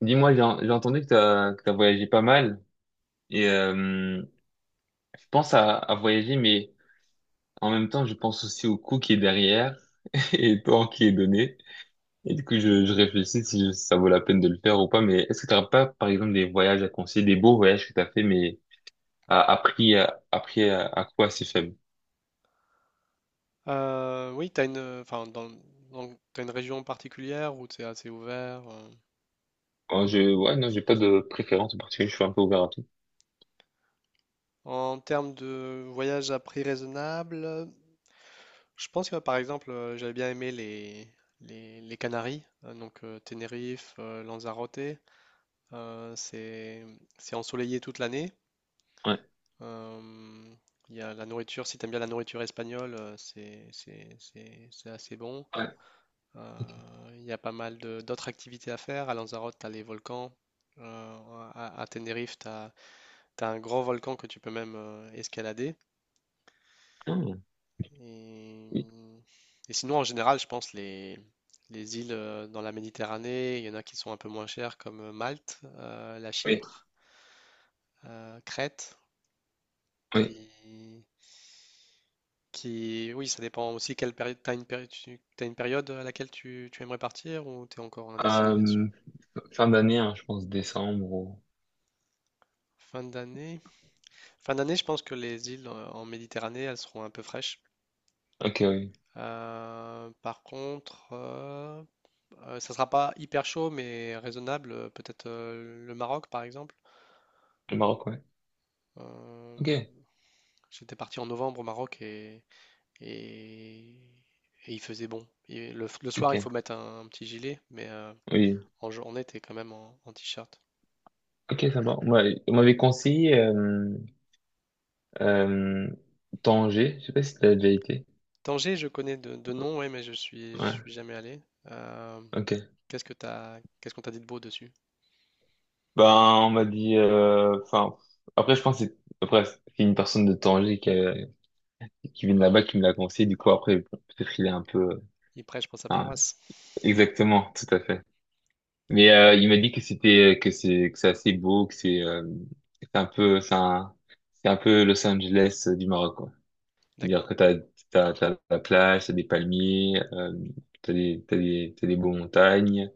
Dis-moi, j'ai entendu que t'as voyagé pas mal et je pense à voyager, mais en même temps, je pense aussi au coût qui est derrière et au temps qui est donné. Et du coup, je réfléchis si si ça vaut la peine de le faire ou pas. Mais est-ce que t'auras pas, par exemple, des voyages à conseiller, des beaux voyages que t'as fait, mais à coût assez faible? Oui, t'as une, enfin, t'as une région particulière où c'est assez ouvert. Oh, ouais, non, j'ai pas de préférence en particulier. Je suis un peu ouvert à tout. En termes de voyage à prix raisonnable, je pense que par exemple, j'avais bien aimé les Canaries, donc Tenerife, Lanzarote. Euh, c'est, c'est ensoleillé toute l'année. Ouais, Euh, Il y a la nourriture, si t'aimes bien la nourriture espagnole, c'est assez bon. ouais. Ok. Il y a pas mal d'autres activités à faire. À Lanzarote, tu as les volcans. Euh, à Tenerife, tu as, un grand volcan que tu peux même escalader. Ah, oui, Et, et sinon, en général, je pense les îles dans la Méditerranée, il y en a qui sont un peu moins chères, comme Malte, la oui, Chypre, Crète, oui. qui, qui... Oui, ça dépend aussi quelle période... t'as une période à laquelle tu aimerais partir ou t'es encore indécis là-dessus? Euh, Fin d'année, hein, je pense décembre. Ou- Fin d'année? Fin d'année, je pense que les îles en Méditerranée, elles seront un peu fraîches. Ok, oui. Par contre, ça sera pas hyper chaud, mais raisonnable. Peut-être le Maroc, par exemple. Le Maroc, ouais. Ok, Euh, j'étais parti en novembre au Maroc et, et il faisait bon. Et le soir, il faut ok, mettre un petit gilet, mais oui. en journée, t'es quand même en t-shirt. Ok, ça va. Ouais, on m'avait conseillé euh, Tanger. Je sais pas si t'as déjà été. Tanger, je connais de nom, ouais, mais je Ouais, suis jamais allé. Euh, ok. Qu'est-ce qu'on t'a dit de beau dessus? Ben, on m'a dit... Enfin, après, je pense que c'est... Après, c'est une personne de Tanger qui, qui vient de là-bas qui me l'a conseillé. Du coup, après, bon, peut-être il est un peu... Il prêche pour sa hein, paroisse. exactement, tout à fait. Mais il m'a dit que c'était... que c'est assez beau, que c'est un peu... c'est un peu Los Angeles du Maroc, quoi. C'est-à-dire D'accord. que t'as la plage, t'as des palmiers, t'as des beaux montagnes,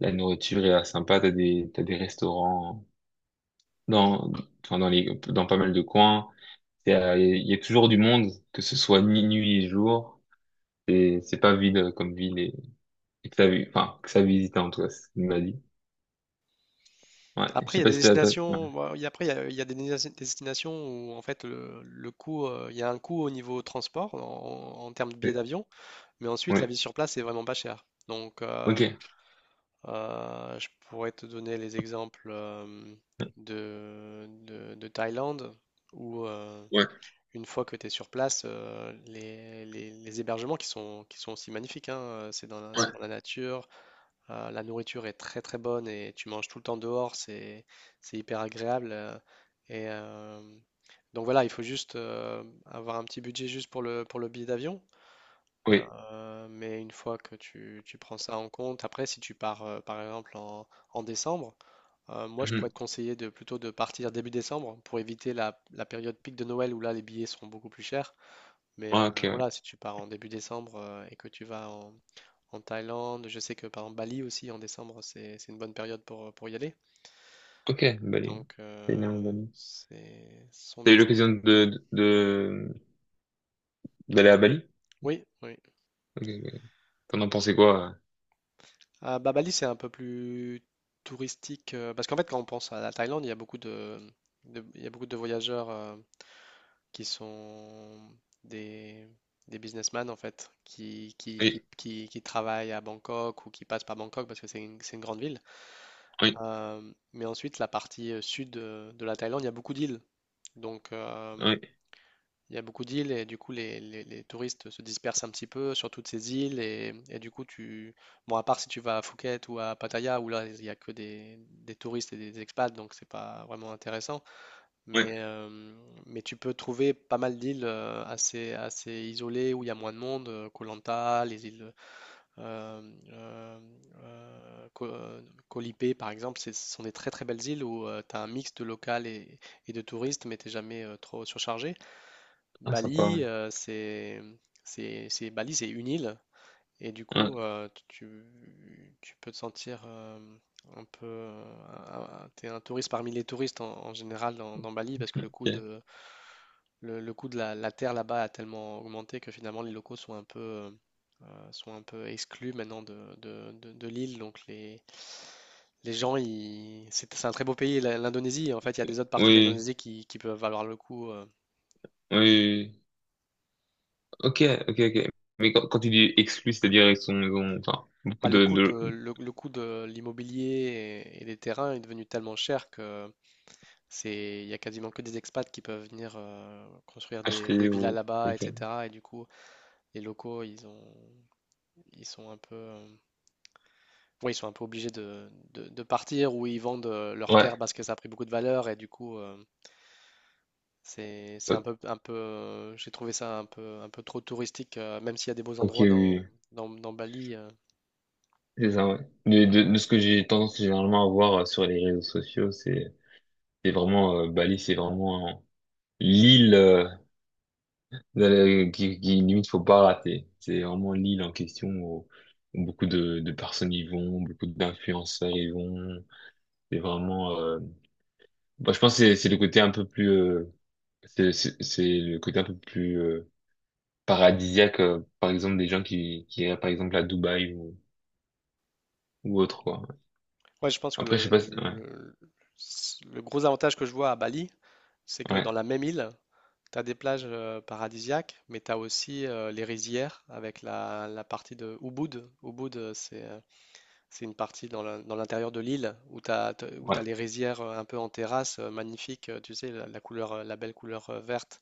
la nourriture est là sympa, t'as des restaurants dans, enfin, dans pas mal de coins. Il y a toujours du monde, que ce soit ni nuit ni jour. Et c'est pas vide comme ville et que enfin, que ça visite en tout cas, c'est ce qu'il m'a dit. Ouais, je Après, il y sais a pas des si t'as... destinations, bon, il y a- après, il y a des destinations où, en fait, le coût, il y a un coût au niveau transport, en termes de billets Ouais, d'avion, mais ensuite, la vie ouais, sur place est vraiment pas chère. Donc, ok. Je pourrais te donner les exemples de Thaïlande, où Ouais, une fois que tu es sur place, les hébergements qui sont aussi magnifiques, hein, c'est dans c'est ouais, dans la nature. La nourriture est très très bonne et tu manges tout le temps dehors, c'est hyper agréable. Et euh, donc voilà, il faut juste avoir un petit budget juste pour le billet d'avion. oui. Mais une fois que tu prends ça en compte, après si tu pars par exemple en décembre, moi je pourrais Mhm. te conseiller de plutôt de partir début décembre pour éviter la période pic de Noël où là les billets seront beaucoup plus chers. Mais Ouais, ok, ouais. voilà, si tu pars en début décembre et que tu vas en Thaïlande. Je sais que par exemple Bali aussi en décembre, c'est une bonne période pour y aller. Ok, Bali. Donc Thaïlande, Bali. c'est ce sont T'as eu des l'occasion d'aller à Bali? oui, oui. Ok, ok. T'en as pensé quoi? Ah, bah, Bali, c'est un peu plus touristique parce qu'en fait, quand on pense à la Thaïlande, il y a beaucoup il y a beaucoup de voyageurs qui sont des, des businessmen en fait, qui, qui, qui, Oui, qui, qui travaillent à Bangkok ou qui passent par Bangkok parce que c'est une grande ville. oui, Euh, mais ensuite, la partie sud de la Thaïlande, il y a beaucoup d'îles. Donc, oui, il y a beaucoup d'îles et du coup les touristes se dispersent un petit peu sur toutes ces îles et du coup tu bon à part si tu vas à Phuket ou à Pattaya où là il y a que des touristes et des expats donc c'est pas vraiment intéressant oui. mais euh, mais tu peux trouver pas mal d'îles assez assez isolées où il y a moins de monde, Koh Lanta, les îles euh, euh, euh, Ko- euh, Koh Lipe, par exemple ce sont des très très belles îles où tu as un mix de local et de touristes mais t'es jamais trop surchargé. Ah, sympa, ouais. Bali, euh, c'est, Bali, c'est une île et du Ouais, coup, tu peux te sentir un peu, t'es un touriste parmi les touristes en général dans Bali parce que ok. Le coût de la terre là-bas a tellement augmenté que finalement les locaux sont un peu exclus maintenant de l'île, donc les gens, c'est un très beau pays, l'Indonésie. En fait, il y a des autres parties Oui, d'Indonésie qui peuvent valoir le coup. Oui, oui. Ok, ok, ok. Mais quand tu dis exclu, c'est-à-dire ils sont, ils ont, enfin, Bah, beaucoup de, de le coût de l'immobilier et des terrains est devenu tellement cher que il y a quasiment que des expats qui peuvent venir construire des acheter villas ou. là-bas, Ok. etc. Et du coup, les locaux, ils ont, ils sont un peu, ouais, ils sont un peu obligés de partir ou ils vendent leurs terres Ouais. parce que ça a pris beaucoup de valeur et du coup, c'est un O- peu, j'ai trouvé ça un peu trop touristique, même s'il y a des beaux Ok, endroits oui, oui. Dans Bali. C'est ça, ouais. De ce que j'ai tendance généralement à voir sur les réseaux sociaux, c'est vraiment, Bali, c'est vraiment l'île. Qui limite faut pas rater. C'est vraiment l'île en question où, où beaucoup de personnes y vont, beaucoup d'influenceurs y vont. C'est vraiment, bah, je pense que c'est le côté un peu plus, c'est le côté un peu plus paradisiaque, par exemple des gens qui iraient par exemple à Dubaï ou autre quoi. Ouais, je pense que Après je sais pas, si- ouais, le gros avantage que je vois à Bali, c'est que dans ouais, la même île, tu as des plages paradisiaques, mais tu as aussi les rizières avec la partie de Ubud. Ubud, c'est une partie dans l'intérieur de l'île où où tu ouais, les rizières un peu en terrasse, magnifiques, tu sais, la couleur, la belle couleur verte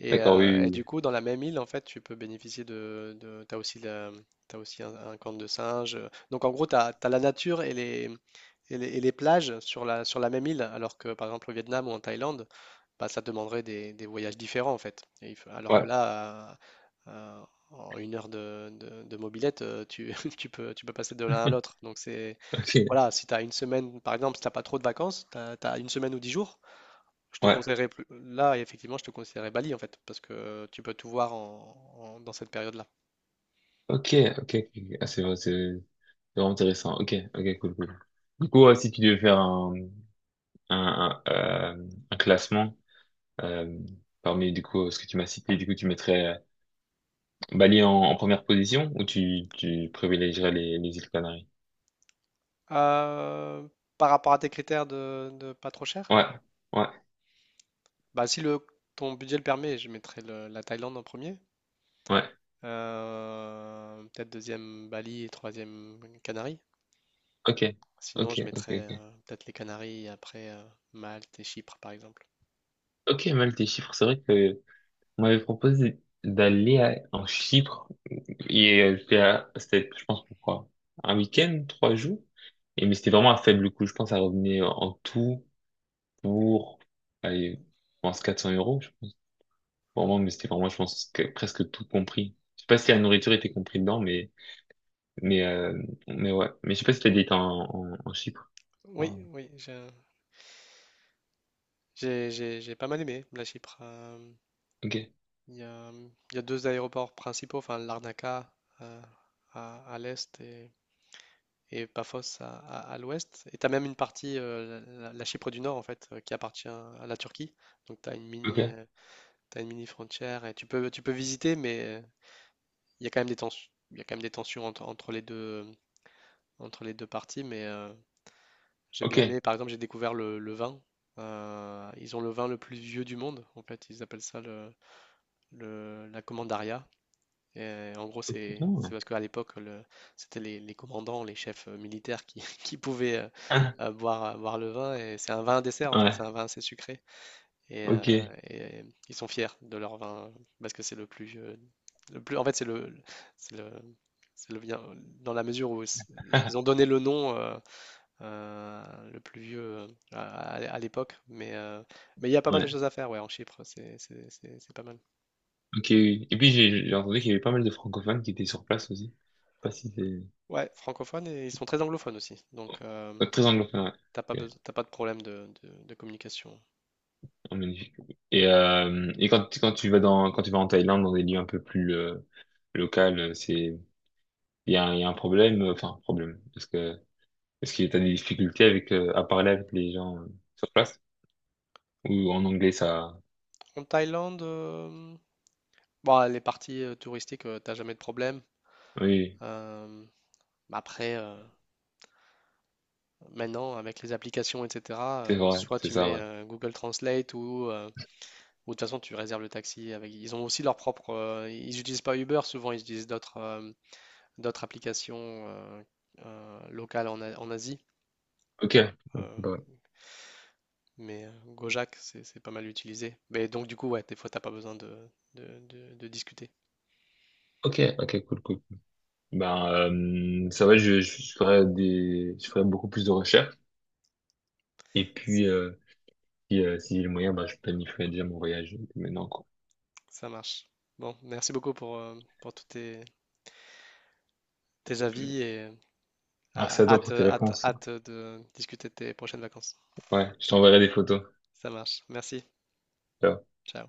d'accord, oui, et du oui, coup, dans la même île, en fait, tu peux bénéficier de t'as aussi t'as aussi un camp de singes. Donc en gros, t'as la nature et et les plages sur sur la même île, alors que par exemple au Vietnam ou en Thaïlande, bah, ça demanderait des voyages différents en fait. Alors oui, que ouais. là, euh, euh, en une heure de mobilette, tu peux passer de l'un à l'autre. Donc Ok, voilà, si tu as une semaine, par exemple, si t'as pas trop de vacances, une semaine ou dix jours, je te ouais, conseillerais plus. Là, effectivement, je te conseillerais Bali en fait, parce que tu peux tout voir dans cette période-là. ok, ok, ok. Ah, c'est vrai, c'est vraiment intéressant. Ok, ok, cool, cool. Du coup, si tu devais faire un classement euh, parmi du coup ce que tu m'as cité. Du coup, tu mettrais Bali en première position ou tu privilégierais les îles Canaries? Euh, par rapport à tes critères de pas trop cher, Ouais, ouais, bah si le ton budget le permet, je mettrais la Thaïlande en premier. ouais. Peut-être deuxième Bali et troisième Canaries. Ok, ok, Sinon, je ok, mettrais ok. Peut-être les Canaries et après Malte et Chypre par exemple. Ok, mal tes chiffres. C'est vrai que on m'avait proposé d'aller en Chypre et c'était, c'était, je pense, pourquoi? Un week-end, trois jours. Et mais c'était vraiment un faible coût. Je pense à revenir en tout pour, allez, je pense 400 euros. Vraiment, mais c'était vraiment, je pense, que presque tout compris. Je sais pas si la nourriture était compris dedans, mais mais ouais. Mais je sais pas si t'as dit t'es en Chypre. Oui, Ah, oui, j'ai j'ai pas mal aimé la Chypre. Ok, Il y a, il y a deux aéroports principaux, enfin Larnaca euh, à l'est et Paphos à l'ouest. Et tu as même une partie, la Chypre du Nord en fait, qui appartient à la Turquie. Donc tu as une mini, ok, t'as une mini frontière et tu peux visiter, mais il y a quand même des tensions, il y a quand même des tensions entre, entre les deux parties. Mais j'ai ok. bien aimé, par exemple, j'ai découvert le vin. Ils ont le vin le plus vieux du monde, en fait, ils appellent ça la Commandaria. En gros, Oh. c'est parce qu'à l'époque, c'était les commandants, les chefs militaires qui pouvaient Ah, boire, boire le vin. Et c'est un vin à dessert, en fait. C'est ouais, un vin assez sucré. Et, ok. euh, et ils sont fiers de leur vin parce que c'est le plus, le plus. En fait, c'est le, c'est le bien dans la mesure où ils ont donné le nom le plus vieux à l'époque. Mais il y a pas mal de Ouais, choses à faire, ouais, en Chypre. C'est pas mal. ok, oui. Et puis j'ai entendu qu'il y avait pas mal de francophones qui étaient sur place aussi. Je sais pas si c'est Ouais, francophone et ils sont très anglophones aussi. Ouais, très anglophone, ouais. T'as pas Ok. T'as pas de problème de communication. Oh, magnifique. Et quand tu vas dans quand tu vas en Thaïlande dans des lieux un peu plus locaux, c'est il y a, un- il y a un problème, enfin problème, parce que est-ce que t'as des difficultés avec à parler avec les gens sur place? Ou en anglais ça... En Thaïlande, bon, les parties touristiques, t'as jamais de problème. Oui, Euh, mais après, euh, maintenant, avec les applications, etc., c'est vrai, soit c'est tu ça, mets ouais. Google Translate ou de toute façon, tu réserves le taxi avec. Ils ont aussi leur propre. Ils n'utilisent pas Uber, souvent, ils utilisent d'autres d'autres applications locales en Asie. Ok, Euh, bah, mais Gojek, c'est pas mal utilisé. Mais donc, du coup, ouais, des fois, t'as pas besoin de discuter. ok, ok, cool, cool. Ben, ça va, je ferai des, je ferai beaucoup plus de recherches. Et puis, si, si j'ai le moyen, ben, je planifierai déjà mon voyage maintenant, quoi. Ça marche. Bon, merci beaucoup pour tous tes avis et Merci à toi pour hâte, tes hâte, réponses. hâte de discuter de tes prochaines vacances. Ouais, je t'enverrai des photos. Ça marche. Merci. Ciao. Ciao.